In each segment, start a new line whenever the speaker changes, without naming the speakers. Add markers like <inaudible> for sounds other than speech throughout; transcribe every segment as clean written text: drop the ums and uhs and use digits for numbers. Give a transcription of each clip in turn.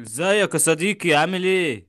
ازيك يا صديقي عامل ايه؟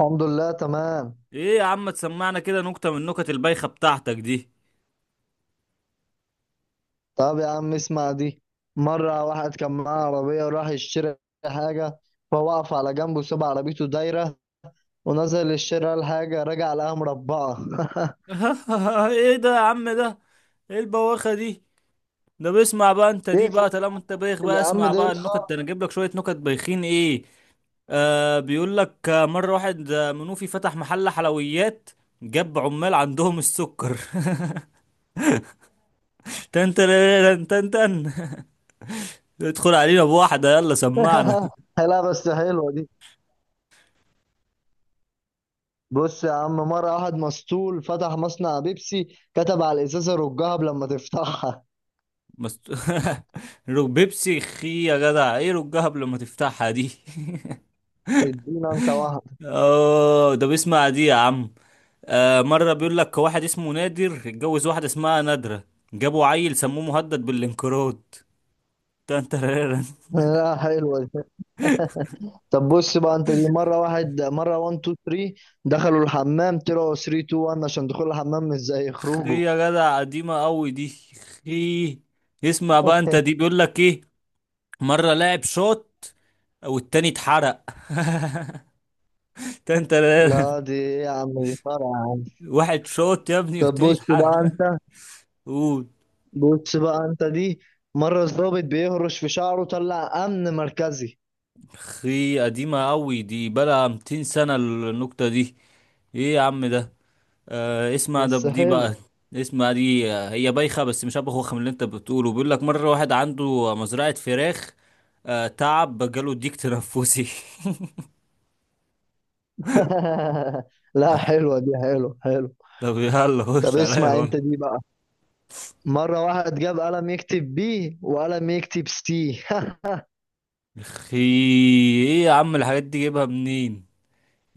الحمد لله تمام.
ايه يا عم تسمعنا كده نكتة من النكت البايخة بتاعتك دي.
طب يا عم اسمع دي. مرة واحد كان معاه عربية وراح يشتري حاجة، فوقف على جنبه ساب عربيته دايرة ونزل يشتري الحاجة، رجع لقاها مربعة.
<laughs> ايه ده يا عم ده؟ ايه البواخة دي؟ ده بيسمع بقى انت
<laughs>
دي
ايه في
بقى، طالما انت بايخ بقى
يا عم
اسمع
ده؟ إيه
بقى
الخ-؟
النكت. ده انا اجيب لك شوية نكت بايخين ايه؟ آه بيقول لك مرة واحد منوفي فتح محل حلويات، جاب عمال عندهم السكر. <laughs> تن تن تن تن <laughs> تن. ادخل علينا بواحدة يلا سمعنا.
<laughs> لا بس حلوة دي. بص يا عم، مرة واحد مسطول فتح مصنع بيبسي، كتب على الإزازة رجها لما تفتحها.
مست... <laughs> بيبسي خي يا جدع، ايه رجها قبل ما تفتحها دي.
<laughs> ادينا انت
<laughs>
واحد.
اه ده بيسمع دي يا عم. آه مرة بيقول لك واحد اسمه نادر اتجوز واحدة اسمها نادرة، جابوا عيل سموه مهدد بالانقراض. تنترارن <laughs>
لا حلوة دي. طب بص بقى انت دي. مره واحد 1 2 3 دخلوا الحمام، طلعوا 3 2 1 عشان دخول الحمام مش زي خروجه.
خي يا جدع قديمة قوي دي. خي. اسمع بقى انت دي
<laughs>
بيقول لك ايه. مرة لاعب شوت والتاني اتحرق. <laughs> تنترارن.
لا دي ايه يا عم؟ دي فرع يا عم.
واحد شوت يا ابني
طب
والتاني
بص بقى
اتحرق. <laughs>
انت.
قول.
بص بقى انت دي. مره الضابط بيهرش في شعره طلع امن مركزي.
اخي قديمة قوي دي، بلا 200 سنة النكتة دي. ايه يا عم ده. آه اسمع ده
بس
دي بقى.
حلو.
اسمع دي. هي بايخة بس مش هبقى خوخة من اللي انت بتقوله. بيقول لك مرة واحد عنده مزرعة فراخ. آه تعب، جاله ديك تنفسي.
<laughs> لا حلوه دي، حلو حلو.
<laughs> طب يلا
طب
خش عليا
اسمع
بقى.
انت دي بقى. مره واحد جاب قلم يكتب بي وقلم يكتب سي. <laughs>
اخي. ايه يا عم الحاجات دي جايبها منين.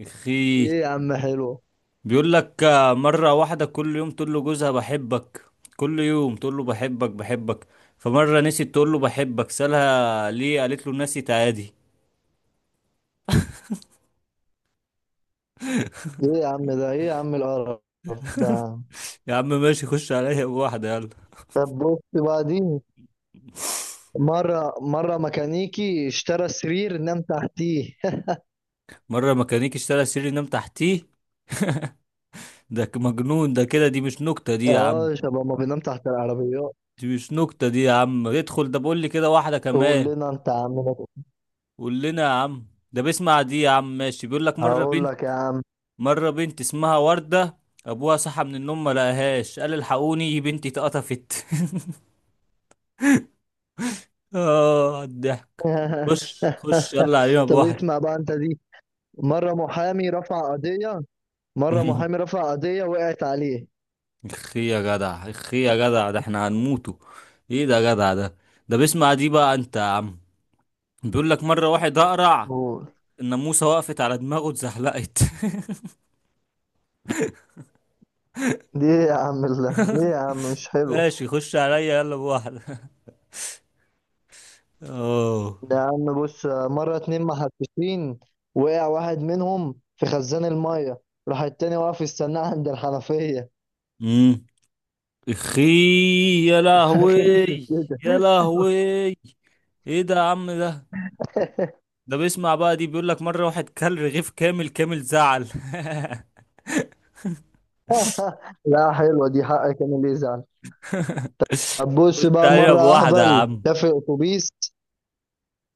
اخي.
ايه يا عم حلو.
بيقول لك مرة واحدة كل يوم تقول له جوزها بحبك، كل يوم تقول له بحبك بحبك، فمرة نسيت تقول له بحبك، سألها ليه، قالت له نسيت عادي.
ايه يا عم ده؟ ايه يا عم القرف ده؟
يا عم ماشي، خش عليا بواحدة يلا.
طب بص بقى دي. مرة ميكانيكي اشترى سرير نام تحتيه.
مرة ميكانيكي اشترى سرير نام تحتيه. ده مجنون ده كده، دي مش نكتة دي
<laughs>
يا عم.
اه، شباب ما بينام تحت العربيات.
دي مش نكتة دي يا عم. ادخل ده بقول لي كده واحدة
قول
كمان.
لنا انت يا عم ده.
قول لنا يا عم. ده بيسمع دي يا عم ماشي، بيقول لك مرة
هقول
بنت،
لك يا عم.
مرة بنت اسمها وردة، أبوها صحى من النوم ما لقاهاش، قال الحقوني بنتي اتقطفت. <laughs> آه الضحك.
<laughs>
خش خش يلا علينا
طب اسمع
بواحدة.
بقى انت دي. مرة محامي رفع قضية مرة محامي
<laughs>
رفع قضية وقعت عليه.
اخي يا جدع، اخي يا جدع، ده احنا هنموته. ايه ده يا جدع ده. ده بيسمع دي بقى انت يا عم. بيقول لك مرة واحد أقرع،
قول.
الناموسة وقفت على دماغه اتزحلقت.
دي ايه يا عم؟ الله، ايه يا عم مش
<laughs>
حلو.
ماشي خش عليا يلا بواحدة. <laughs> اه.
يا عم بص، مرة اتنين محششين وقع واحد منهم في خزان المية، راح التاني واقف يستناه عند الحنفية.
امم. اخي. يا لهوي.
خلصت
يا
كده.
لهوي. ايه ده يا عم ده. ده بيسمع بقى دي، بيقول لك مرة واحد كل رغيف كامل كامل زعل. <laughs>
<laughs> لا حلوة دي، حقك انا اللي يزعل. طب بص
قلت
بقى،
علينا
مرة
بواحدة يا
اهبل
عم.
ده في اتوبيس.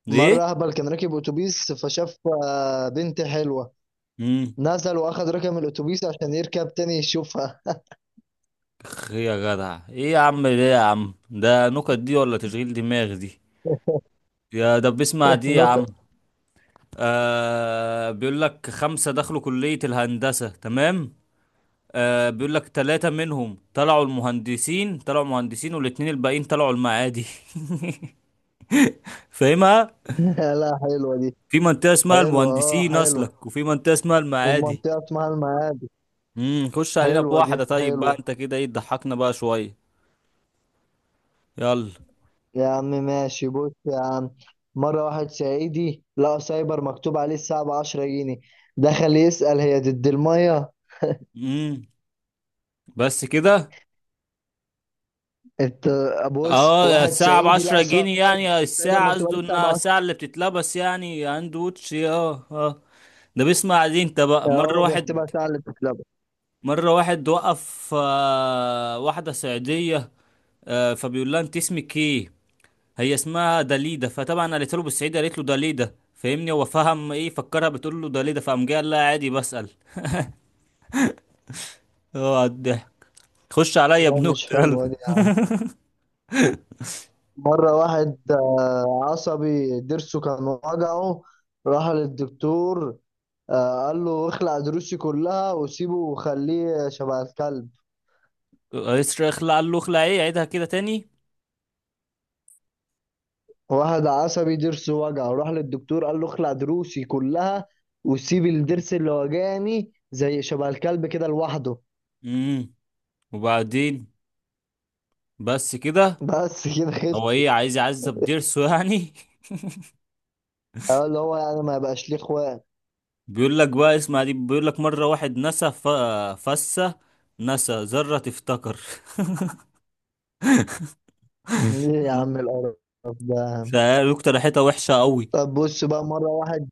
ايه.
مرة اهبل كان راكب اتوبيس فشاف بنت حلوة،
امم.
نزل واخد رقم الاتوبيس عشان يركب تاني يشوفها.
اخ يا جدع، ايه يا عم ده يا عم ده، نكت دي ولا تشغيل دماغ دي. يا ده بيسمع
<laughs>
دي يا عم.
نكت.
آه بيقول لك خمسة دخلوا كلية الهندسة، تمام؟ آه بيقول لك ثلاثة منهم طلعوا المهندسين، طلعوا مهندسين، والاتنين الباقيين طلعوا المعادي. <laughs> فاهمها.
<laughs> لا حلوة دي،
في منطقة اسمها
حلوة. اه
المهندسين
حلو.
أصلك، وفي منطقة اسمها المعادي.
ومنطقة اسمها المعادي.
امم. خش علينا
حلوة دي،
بواحدة طيب بقى،
حلوة.
أنت كده إيه، تضحكنا بقى شوية. يلا.
يا عم ماشي، بص يا عم، مرة واحد صعيدي لقى سايبر مكتوب عليه الساعة بعشرة جنيه، دخل يسأل هي ضد المية.
امم. بس كده؟
انت بص،
اه،
واحد
الساعة
صعيدي
بعشرة
لقى
جنيه
سايب،
يعني
سايبر
الساعة،
مكتوب عليه
قصده
الساعة
إنها
بعشرة.
الساعة اللي بتتلبس يعني، هاند ووتش، اه اه. ده بيسمع عليه أنت بقى. مرة
هو بيحسبها
واحد،
ساعة اللي بتتلعب.
مرة واحد وقف واحدة صعيدية، فبيقول لها أنت اسمك إيه؟ هي اسمها داليدا، فطبعا قالت له بالصعيدي، قالت له داليدا، فاهمني؟ هو فهم ايه، فكرها بتقول له داليدا، فقام جاي قال لها عادي بسأل. هو على الضحك. خش عليا
لا مش
بنكتة
حلوة
يلا.
دي يعني. مرة واحد عصبي ضرسه كان وجعه، راح للدكتور، قال له اخلع ضروسي كلها وسيبه وخليه شبه الكلب.
رئيس اخلع، قال له اخلع ايه، عيدها كده تاني.
واحد عصبي ضرسه وجعه راح للدكتور قال له اخلع ضروسي كلها وسيب الضرس اللي وجعني زي شبه الكلب كده لوحده.
امم. وبعدين؟ بس كده؟
بس كده خلص.
هو ايه عايز يعذب ضرسه يعني.
قال له هو يعني ما يبقاش ليه اخوات.
<laughs> بيقول لك بقى اسمع دي، بيقول لك مرة واحد نسى فسة، نسى ذرة تفتكر.
ايه
<laughs>
يا عم القرف ده يا عم؟
فقالوا اقترحتها وحشة قوي.
طب بص بقى مرة واحد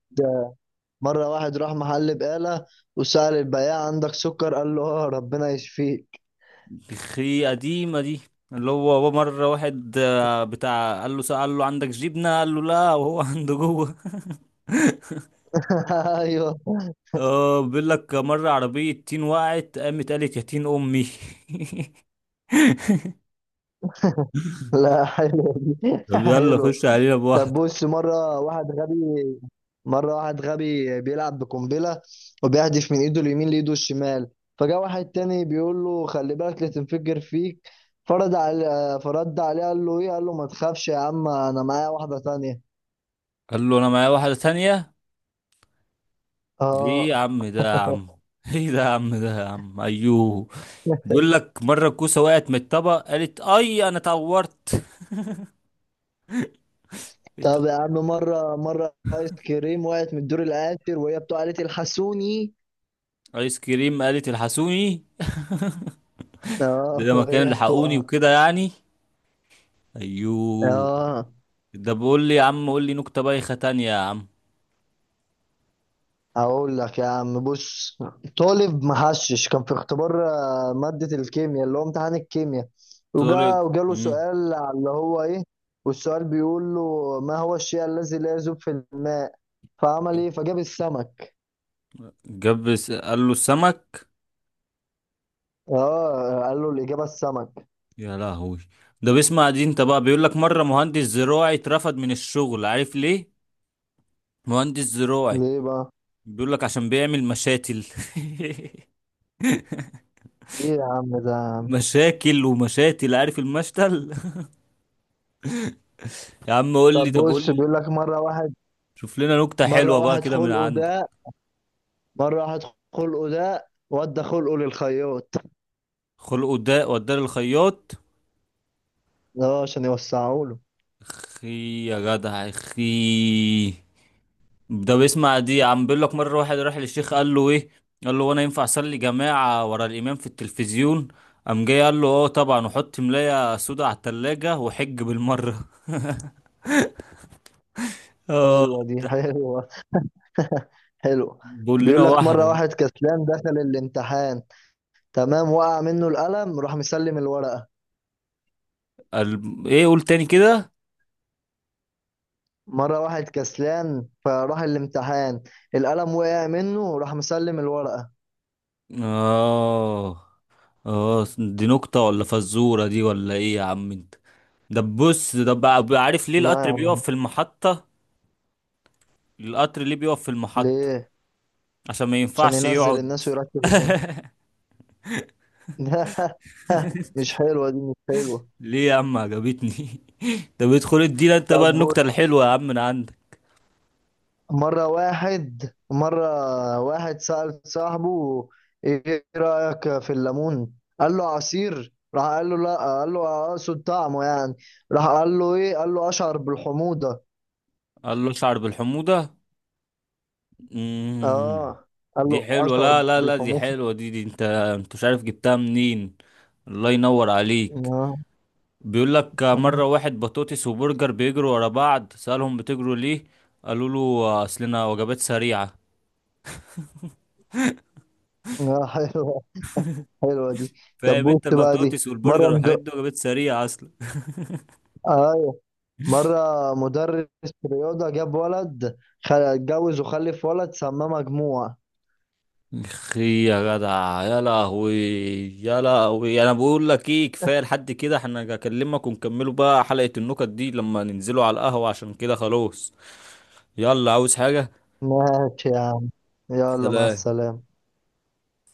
مرة واحد راح محل بقالة وسأل البياع عندك سكر، قال له اه ربنا يشفيك.
الخي قديمة دي. اللي هو مرة واحد بتاع قال له، قال له عندك جبنة، قال له لا وهو <laughs> عنده جوه.
<laughs> ايوه.
اه بيقول لك مرة عربية تين وقعت، قامت قالت يا تين أمي. <laughs>
لا حلو دي، <laughs>
طب يلا
حلو.
خش علينا
طب
بواحدة.
بص، مرة واحد غبي بيلعب بقنبلة، وبيهدف من ايده اليمين لايده الشمال، فجاء واحد تاني بيقول له خلي بالك لا تنفجر فيك. فرد عليه قال له ايه، قال له ما تخافش يا عم انا معايا واحدة تانية.
قال له أنا معايا واحدة تانية. دي إيه يا
اه.
عم ده يا
<laughs>
عم. <laughs> ايه ده يا عم ده يا عم، ايوه. بيقول لك مرة الكوسة وقعت من الطبق، قالت اي انا اتعورت.
طب يا
<laughs>
عم، مرة آيس كريم وقعت من الدور الآخر وهي بتقع قالت الحسوني.
ايس كريم قالت الحسوني. <laughs> ده
اه
لما كانوا
وهي
لحقوني
بتقع.
وكده يعني. ايوه.
اه.
ده بيقول لي يا عم قول لي نكتة بايخة تانية يا عم.
أقول لك يا عم، بص، طالب محشش كان في اختبار مادة الكيمياء اللي هو امتحان الكيمياء،
قلت له
وجاله
مم.
سؤال على اللي هو إيه. والسؤال بيقول له ما هو الشيء الذي لا يذوب في الماء، فعمل إيه، فجاب السمك.
قال له السمك.
اه قال له الإجابة السمك.
يا لهوي. ده بيسمع دي انت بقى، بيقول لك مرة مهندس زراعي اترفد من الشغل، عارف ليه؟ مهندس زراعي.
ليه بقى؟
بيقول لك عشان بيعمل مشاتل. <laughs>
ليه يا عم ده؟
مشاكل ومشاتل، عارف المشتل. <laughs> يا عم قول لي،
طب
طب قول
بص،
لي.
بيقول لك
شوف لنا نكتة
مرة
حلوة بقى
واحد
كده من
خلقه
عندك.
ده مرة واحد خلقه ده ودى خلقه للخياط.
خلقه ده وداه للخياط.
اه عشان يوسعه له.
اخي يا جدع، اخي. ده بيسمع دي عم، بيقول لك مره واحد راح للشيخ قال له ايه، قال له وانا ينفع اصلي جماعه ورا الامام في التلفزيون، قام جاي قال له اه طبعا، وحط ملايه سودا على التلاجة وحج بالمره. <laughs>
حلوة دي، حلوة، حلوة.
بقول لنا
بيقول لك
واحده
مرة
بقى.
واحد كسلان دخل الامتحان، تمام، وقع منه القلم راح مسلم الورقة.
قال ايه؟ قول تاني كده.
مرة واحد كسلان فراح الامتحان، القلم وقع منه راح مسلم الورقة.
اه. اه دي نكته ولا فزوره دي ولا ايه يا عم انت. ده بص ده بقى عارف ليه
لا يا
القطر
عم.
بيقف في المحطه. القطر ليه بيقف في المحطه؟
ليه؟
عشان ما
عشان
ينفعش
ينزل
يقعد.
الناس ويرتب الناس. <laughs> لا مش حلوة دي، مش حلوة.
ليه يا عم، عجبتني. <laughs> طب ادخل ادينا انت بقى
طب،
النكتة الحلوة يا عم من عندك.
مرة واحد سأل صاحبه إيه رأيك في الليمون؟ قال له عصير، راح قال له لا، قال له أقصد طعمه يعني. راح قال له إيه؟ قال له أشعر بالحموضة.
قال له اشعر بالحموضة. مم.
آه قال له
دي حلوة،
أشعر
لا لا لا دي
بالحموضة.
حلوة دي انت مش عارف جبتها منين. الله ينور عليك.
آه.
بيقول لك مرة واحد بطاطس وبرجر بيجروا ورا بعض، سألهم بتجروا ليه، قالوا له اصلنا وجبات سريعة.
آه حلوة، حلوة دي. طب
فاهم
بص
انت،
بقى دي،
البطاطس
مرة
والبرجر والحاجات
مد...
دي وجبات سريعة اصلا.
أيوه، مرة مدرس رياضة جاب ولد، خ- اتجوز وخلف ولد سماه مجموع.
اخي يا جدع، يا لهوي، يا لهوي. انا بقول لك ايه، كفايه لحد كده، احنا هكلمك ونكملوا بقى حلقه النكت دي لما ننزلوا على القهوه، عشان كده خلاص. يلا، عاوز حاجه؟
ماشي يا عم، يلا مع
سلام.
السلامة.